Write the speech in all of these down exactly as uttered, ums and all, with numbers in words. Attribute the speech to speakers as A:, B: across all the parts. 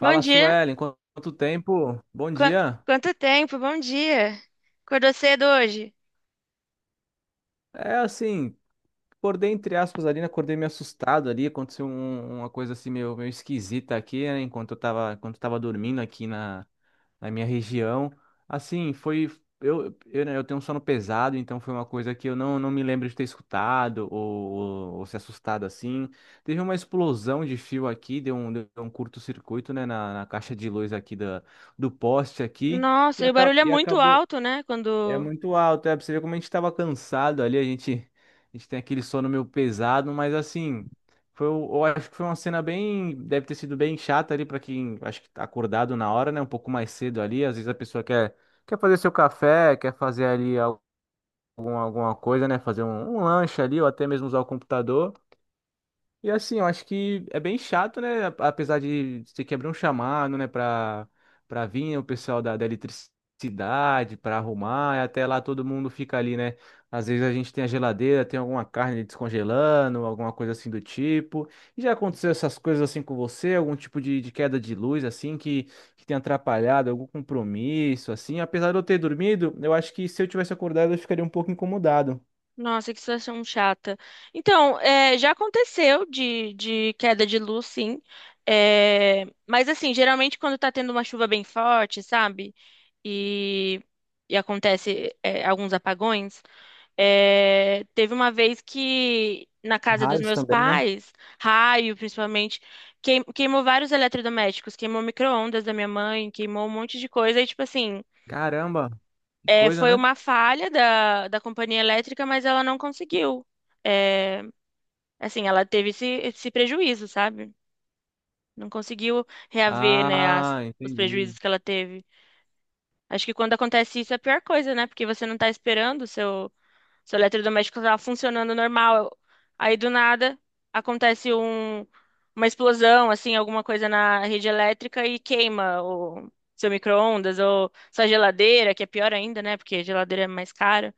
A: Bom dia.
B: Suelen, quan- quanto tempo? Bom
A: Qua-
B: dia.
A: Quanto tempo? Bom dia. Acordou cedo hoje?
B: É assim, acordei entre aspas ali, né? Acordei meio assustado ali, aconteceu um- uma coisa assim meio, meio esquisita aqui, né? Enquanto eu tava, enquanto eu tava dormindo aqui na, na, minha região. Assim, foi eu, eu, né, eu tenho um sono pesado, então foi uma coisa que eu não, não me lembro de ter escutado ou, ou, ou se assustado assim. Teve uma explosão de fio aqui, deu um, deu um curto-circuito, né, na, na caixa de luz aqui da, do poste aqui. E,
A: Nossa, e o
B: aca-
A: barulho é
B: e
A: muito
B: acabou.
A: alto, né?
B: É
A: Quando.
B: muito alto, é pra você ver como a gente tava cansado ali, a gente, a gente tem aquele sono meio pesado, mas assim, foi, o- eu acho que foi uma cena bem, deve ter sido bem chata ali pra quem, acho que tá acordado na hora, né, um pouco mais cedo ali, às vezes a pessoa quer, quer fazer seu café, quer fazer ali algum, alguma coisa, né, fazer um, um lanche ali, ou até mesmo usar o computador, e assim, eu acho que é bem chato, né? a- Apesar de ter que abrir um chamado, né, para para vir o pessoal da, da eletricidade para arrumar, e até lá todo mundo fica ali, né? Às vezes a gente tem a geladeira, tem alguma carne descongelando, alguma coisa assim do tipo. E já aconteceu essas coisas assim com você? Algum tipo de, de queda de luz, assim, que, que tem atrapalhado algum compromisso, assim? Apesar de eu ter dormido, eu acho que se eu tivesse acordado, eu ficaria um pouco incomodado.
A: Nossa, que situação chata. Então, é, já aconteceu de, de queda de luz, sim. É, mas, assim, geralmente quando tá tendo uma chuva bem forte, sabe? E, e acontece, é, alguns apagões. É, teve uma vez que na casa dos
B: Raios
A: meus
B: também, né?
A: pais, raio principalmente, queim- queimou vários eletrodomésticos, queimou micro-ondas da minha mãe, queimou um monte de coisa. E, tipo assim,
B: Caramba, que
A: é,
B: coisa,
A: foi
B: né?
A: uma falha da, da companhia elétrica, mas ela não conseguiu. É, assim, ela teve esse, esse prejuízo, sabe? Não conseguiu reaver, né, as-
B: Ah,
A: os
B: entendi.
A: prejuízos que ela teve. Acho que quando acontece isso é a pior coisa, né? Porque você não tá esperando o seu. Seu eletrodoméstico estava funcionando normal. Aí do nada acontece um- uma explosão, assim, alguma coisa na rede elétrica e queima o seu micro-ondas ou sua geladeira, que é pior ainda, né? Porque geladeira é mais cara.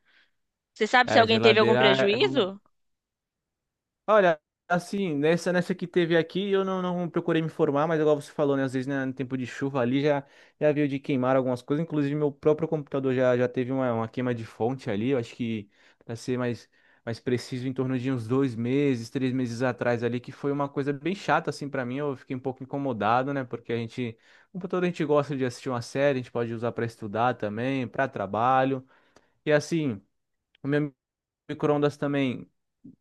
A: Você sabe se
B: É,
A: alguém teve algum
B: geladeira é um.
A: prejuízo?
B: Olha, assim, nessa, nessa que teve aqui, eu não, não procurei me informar, mas igual você falou, né? Às vezes, né, no tempo de chuva ali já, já veio de queimar algumas coisas. Inclusive, meu próprio computador já, já teve uma, uma queima de fonte ali. Eu acho que, pra ser mais, mais preciso, em torno de uns dois meses, três meses atrás ali, que foi uma coisa bem chata, assim, pra mim. Eu fiquei um pouco incomodado, né? Porque a gente, computador, a gente gosta de assistir uma série, a gente pode usar pra estudar também, pra trabalho. E assim. O meu micro-ondas também,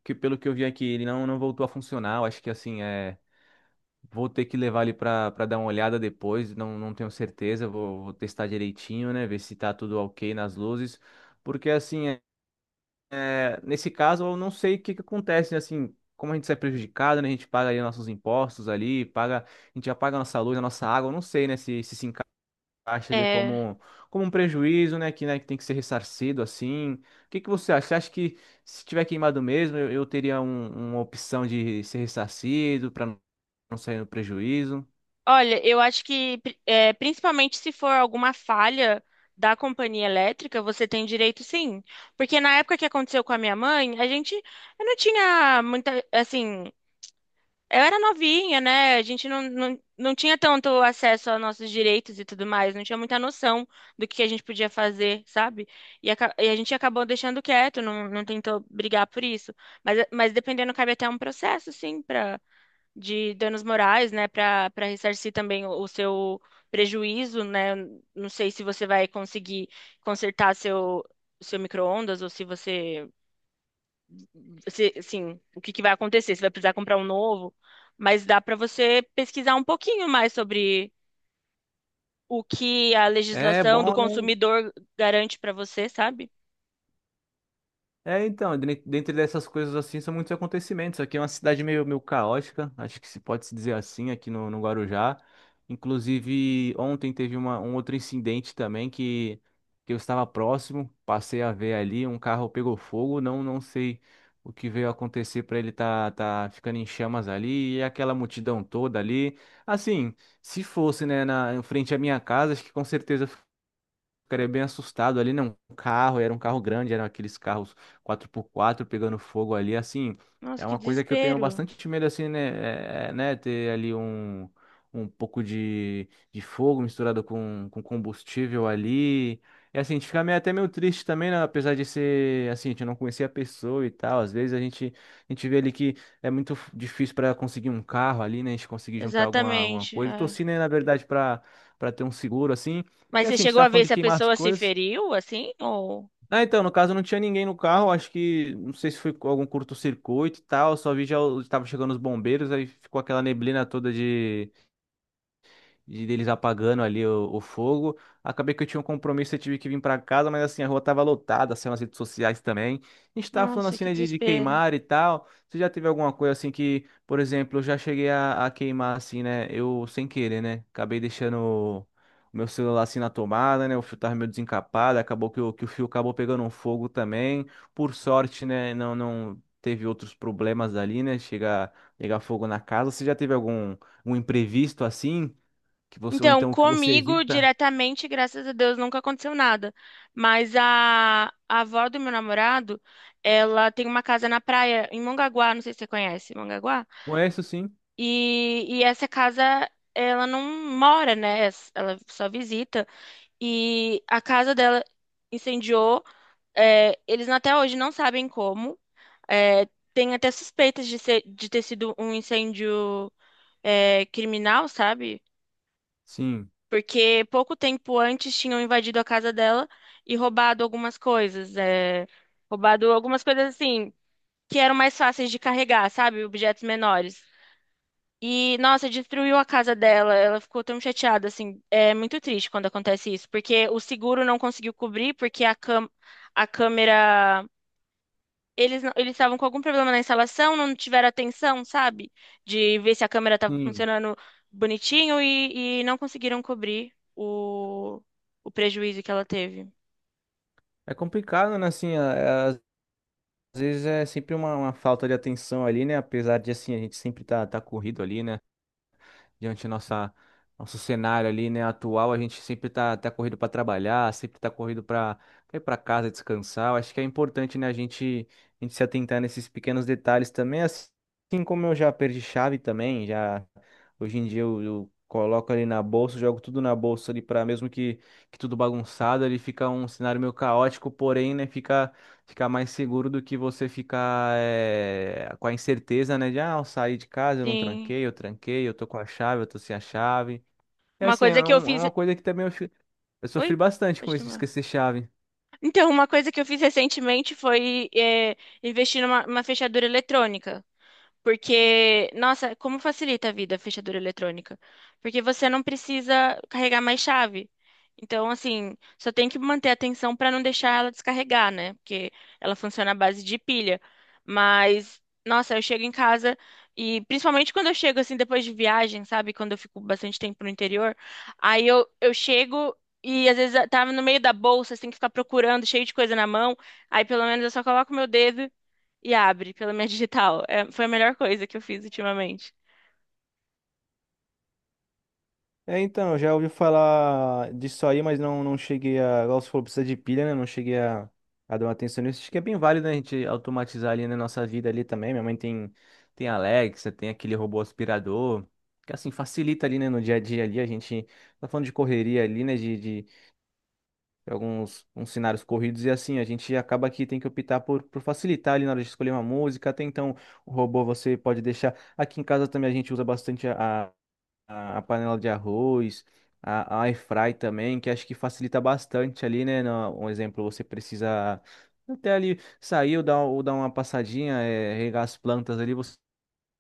B: que pelo que eu vi aqui, ele não, não voltou a funcionar. Eu acho que assim, é. Vou ter que levar ele para dar uma olhada depois, não, não tenho certeza. Vou, vou testar direitinho, né? Ver se tá tudo ok nas luzes. Porque assim, é, é, nesse caso, eu não sei o que que acontece, né? Assim, como a gente sai prejudicado, né? A gente paga ali nossos impostos ali, paga, a gente já paga a nossa luz, a nossa água, eu não sei, né? Se, se se acha ele
A: É,
B: como, como um prejuízo, né? Que, né, que tem que ser ressarcido assim. O que que você acha? Você acha que se tiver queimado mesmo, eu, eu teria um- uma opção de ser ressarcido para não sair no prejuízo?
A: olha, eu acho que pri- é, principalmente se for alguma falha da companhia elétrica, você tem direito sim. Porque na época que aconteceu com a minha mãe, a gente eu não tinha muita, assim, eu era novinha, né? A gente não, não, não tinha tanto acesso aos nossos direitos e tudo mais, não tinha muita noção do que a gente podia fazer, sabe? E, aca- e a gente acabou deixando quieto, não, não tentou brigar por isso. Mas, mas dependendo, cabe até um processo, sim, para de danos morais, né? Para para ressarcir também o, o seu prejuízo, né? Não sei se você vai conseguir consertar seu, seu micro-ondas ou se você. Você, assim, o que que vai acontecer? Você vai precisar comprar um novo, mas dá para você pesquisar um pouquinho mais sobre o que a
B: É
A: legislação do
B: bom, né?
A: consumidor garante para você, sabe?
B: É, então, dren- dentre dessas coisas assim, são muitos acontecimentos. Aqui é uma cidade meio, meio caótica, acho que se pode se dizer assim, aqui no, no Guarujá. Inclusive, ontem teve uma, um outro incidente também que, que eu estava próximo, passei a ver ali, um carro pegou fogo, não, não sei o que veio acontecer para ele tá, tá ficando em chamas ali, e aquela multidão toda ali. Assim, se fosse, né, na, em frente à minha casa, acho que com certeza ficaria bem assustado ali, né? Um carro, era um carro grande, eram aqueles carros quatro por quatro pegando fogo ali, assim,
A: Nossa,
B: é
A: que
B: uma coisa que eu tenho
A: desespero.
B: bastante medo, assim, né? É, né? Ter ali um, um pouco de, de fogo misturado com, com combustível ali. E assim, a gente fica meio, até meio triste também, né? Apesar de ser, assim, a gente não conhecer a pessoa e tal. Às vezes a gente, a gente vê ali que é muito f- difícil para conseguir um carro ali, né? A gente conseguir juntar alguma, alguma
A: Exatamente.
B: coisa. Eu
A: É.
B: torci, né, na verdade, para para ter um seguro assim. E
A: Mas você
B: assim, a gente
A: chegou
B: tá
A: a ver
B: falando de
A: se a
B: queimar as
A: pessoa se
B: coisas.
A: feriu, assim? Ou...
B: Ah, então, no caso não tinha ninguém no carro, acho que, não sei se foi com algum curto-circuito e tal, só vi já o- tava chegando os bombeiros, aí ficou aquela neblina toda de de deles apagando ali o, o fogo. Acabei que eu tinha um compromisso, eu tive que vir para casa, mas assim, a rua tava lotada, saiu nas redes sociais também. A gente tava falando
A: Nossa,
B: assim,
A: que
B: né, de, de
A: desespero.
B: queimar e tal. Você já teve alguma coisa assim que, por exemplo, eu já cheguei a, a queimar assim, né? Eu sem querer, né? Acabei deixando o o meu celular assim na tomada, né? O fio tava meio desencapado, acabou que o, que o fio acabou pegando um fogo também. Por sorte, né? Não, não teve outros problemas ali, né? Chegar, pegar fogo na casa. Você já teve algum um imprevisto assim? Que você ou
A: Então,
B: então que você
A: comigo
B: evita.
A: diretamente, graças a Deus, nunca aconteceu nada. Mas a, a avó do meu namorado, ela tem uma casa na praia, em Mongaguá, não sei se você conhece, Mongaguá?
B: Conheço sim.
A: E, e essa casa, ela não mora, né? Ela só visita. E a casa dela incendiou. É, eles até hoje não sabem como. É, tem até suspeitas de ser, de ter sido um incêndio, é, criminal, sabe?
B: Sim.
A: Porque pouco tempo antes tinham invadido a casa dela e roubado algumas coisas. É, roubado algumas coisas assim, que eram mais fáceis de carregar, sabe? Objetos menores. E, nossa, destruiu a casa dela. Ela ficou tão chateada, assim. É muito triste quando acontece isso, porque o seguro não conseguiu cobrir, porque a cam a câmera. Eles não- eles estavam com algum problema na instalação, não tiveram atenção, sabe? De ver se a câmera estava
B: Sim.
A: funcionando bonitinho e, e não conseguiram cobrir o, o prejuízo que ela teve.
B: É complicado, né? Assim, a- às vezes é sempre uma, uma falta de atenção ali, né? Apesar de assim a gente sempre tá tá corrido ali, né? Diante da nossa nosso cenário ali, né, atual, a gente sempre tá, tá corrido para trabalhar, sempre tá corrido para ir para casa descansar. Eu acho que é importante, né, a gente a gente se atentar nesses pequenos detalhes também, assim como eu já perdi chave também, já hoje em dia eu, eu coloco ali na bolsa, jogo tudo na bolsa ali para mesmo que que tudo bagunçado, ele fica um cenário meio caótico, porém, né, fica ficar mais seguro do que você ficar eh, com a incerteza, né? De, ah, eu saí de casa, eu não
A: Sim.
B: tranquei, eu tranquei, eu tô com a chave, eu tô sem a chave. É
A: Uma
B: assim, é,
A: coisa que eu
B: um- é
A: fiz.
B: uma coisa que também eu, fi- eu
A: Oi?
B: sofri bastante com
A: Pode
B: isso de
A: terminar.
B: esquecer chave.
A: Então, uma coisa que eu fiz recentemente foi é, investir numa numa fechadura eletrônica. Porque, nossa, como facilita a vida a fechadura eletrônica? Porque você não precisa carregar mais chave. Então, assim, só tem que manter a atenção para não deixar ela descarregar, né? Porque ela funciona à base de pilha. Mas, nossa, eu chego em casa e, principalmente quando eu chego, assim, depois de viagem, sabe? Quando eu fico bastante tempo no interior, aí eu, eu chego. E às vezes tá no meio da bolsa, você tem que ficar procurando, cheio de coisa na mão. Aí pelo menos eu só coloco o meu dedo e abre pela minha digital. É, foi a melhor coisa que eu fiz ultimamente.
B: É, então, eu já ouvi falar disso aí, mas não, não cheguei a. Igual você falou, precisa de pilha, né? Não cheguei a, a dar uma atenção nisso. Acho que é bem válido, né, a gente automatizar ali na nossa vida ali também. Minha mãe tem, tem Alexa, tem aquele robô aspirador. Que assim, facilita ali, né, no dia a dia ali. A gente tá falando de correria ali, né? De, de alguns uns cenários corridos e assim, a gente acaba que tem que optar por, por facilitar ali na hora de escolher uma música. Até então, o robô você pode deixar. Aqui em casa também a gente usa bastante a a a panela de arroz, a, a air fry também, que acho que facilita bastante ali, né? na- Um exemplo, você precisa até ali saiu, dar, ou dar uma passadinha, é, regar as plantas ali, você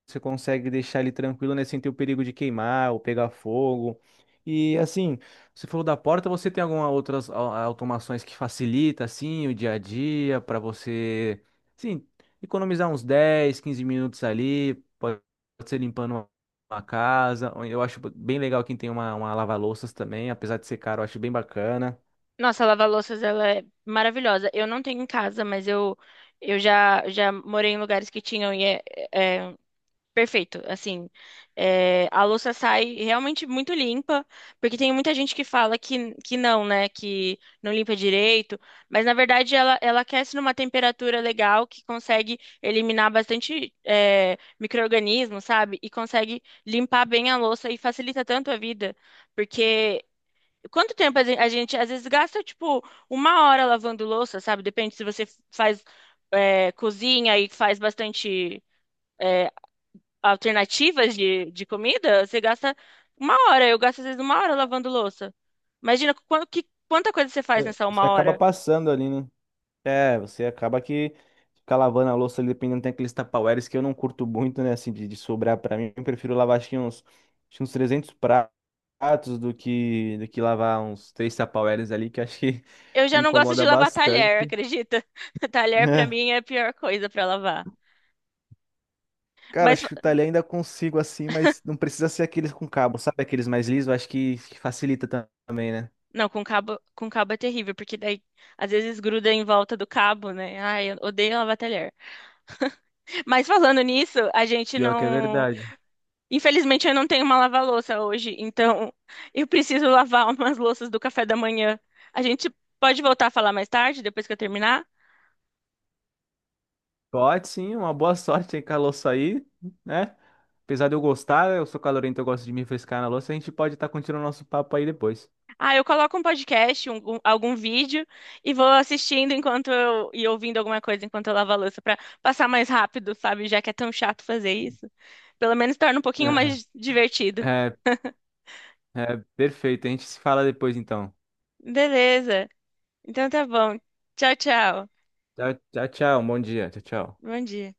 B: você consegue deixar ele tranquilo, né? Sem ter o perigo de queimar ou pegar fogo. E assim, você falou da porta, você tem alguma outras au- automações que facilita assim o dia a dia para você, sim, economizar uns dez, quinze minutos ali, pode ser limpando uma uma casa. Ou eu acho bem legal quem tem uma, uma lava-louças também, apesar de ser caro, eu acho bem bacana.
A: Nossa, a lava-louças, ela é maravilhosa. Eu não tenho em casa, mas eu, eu já, já morei em lugares que tinham e é, é, perfeito. Assim, é, a louça sai realmente muito limpa, porque tem muita gente que fala que, que não, né? Que não limpa direito, mas na verdade ela, ela aquece numa temperatura legal que consegue eliminar bastante é, micro-organismo, sabe? E consegue limpar bem a louça e facilita tanto a vida, porque. Quanto tempo a gen- a gente, às vezes gasta tipo uma hora lavando louça, sabe? Depende se você faz é, cozinha e faz bastante. Eh, alternativas de, de comida, você gasta uma hora. Eu gasto às vezes uma hora lavando louça. Imagina qu- que, quanta coisa você faz nessa uma
B: Você acaba
A: hora.
B: passando ali, né? É, você acaba que ficar lavando a louça ali, dependendo, tem aqueles tupperwares que eu não curto muito, né, assim, de, de sobrar pra mim. Eu prefiro lavar, acho que uns, acho que uns trezentos pratos do que, do que lavar uns três tupperwares ali, que acho que
A: Eu
B: me
A: já não gosto de
B: incomoda
A: lavar talher,
B: bastante,
A: acredita? Talher pra
B: né?
A: mim é a pior coisa pra lavar.
B: Cara,
A: Mas
B: chutar ali ainda consigo assim, mas não precisa ser aqueles com cabo, sabe? Aqueles mais lisos, acho que, que facilita tam- também, né?
A: não, com cabo, com cabo é terrível, porque daí às vezes gruda em volta do cabo, né? Ai, eu odeio lavar talher. Mas falando nisso, a gente
B: Pior que é
A: não
B: verdade.
A: infelizmente, eu não tenho uma lava-louça hoje, então eu preciso lavar umas louças do café da manhã. A gente pode voltar a falar mais tarde, depois que eu terminar?
B: Pode sim, uma boa sorte aí com a louça aí, né? Apesar de eu gostar, eu sou calorento, eu gosto de me refrescar na louça, a gente pode estar continuando nosso papo aí depois.
A: Ah, eu coloco um podcast, um- um- algum vídeo e vou assistindo enquanto eu, e ouvindo alguma coisa enquanto eu lavo a louça para passar mais rápido, sabe? Já que é tão chato fazer isso. Pelo menos torna um pouquinho mais divertido.
B: É, é, perfeito. A gente se fala depois então.
A: Beleza. Então tá bom. Tchau, tchau.
B: Tchau, tchau, tchau. Bom dia. Tchau, tchau.
A: Bom dia.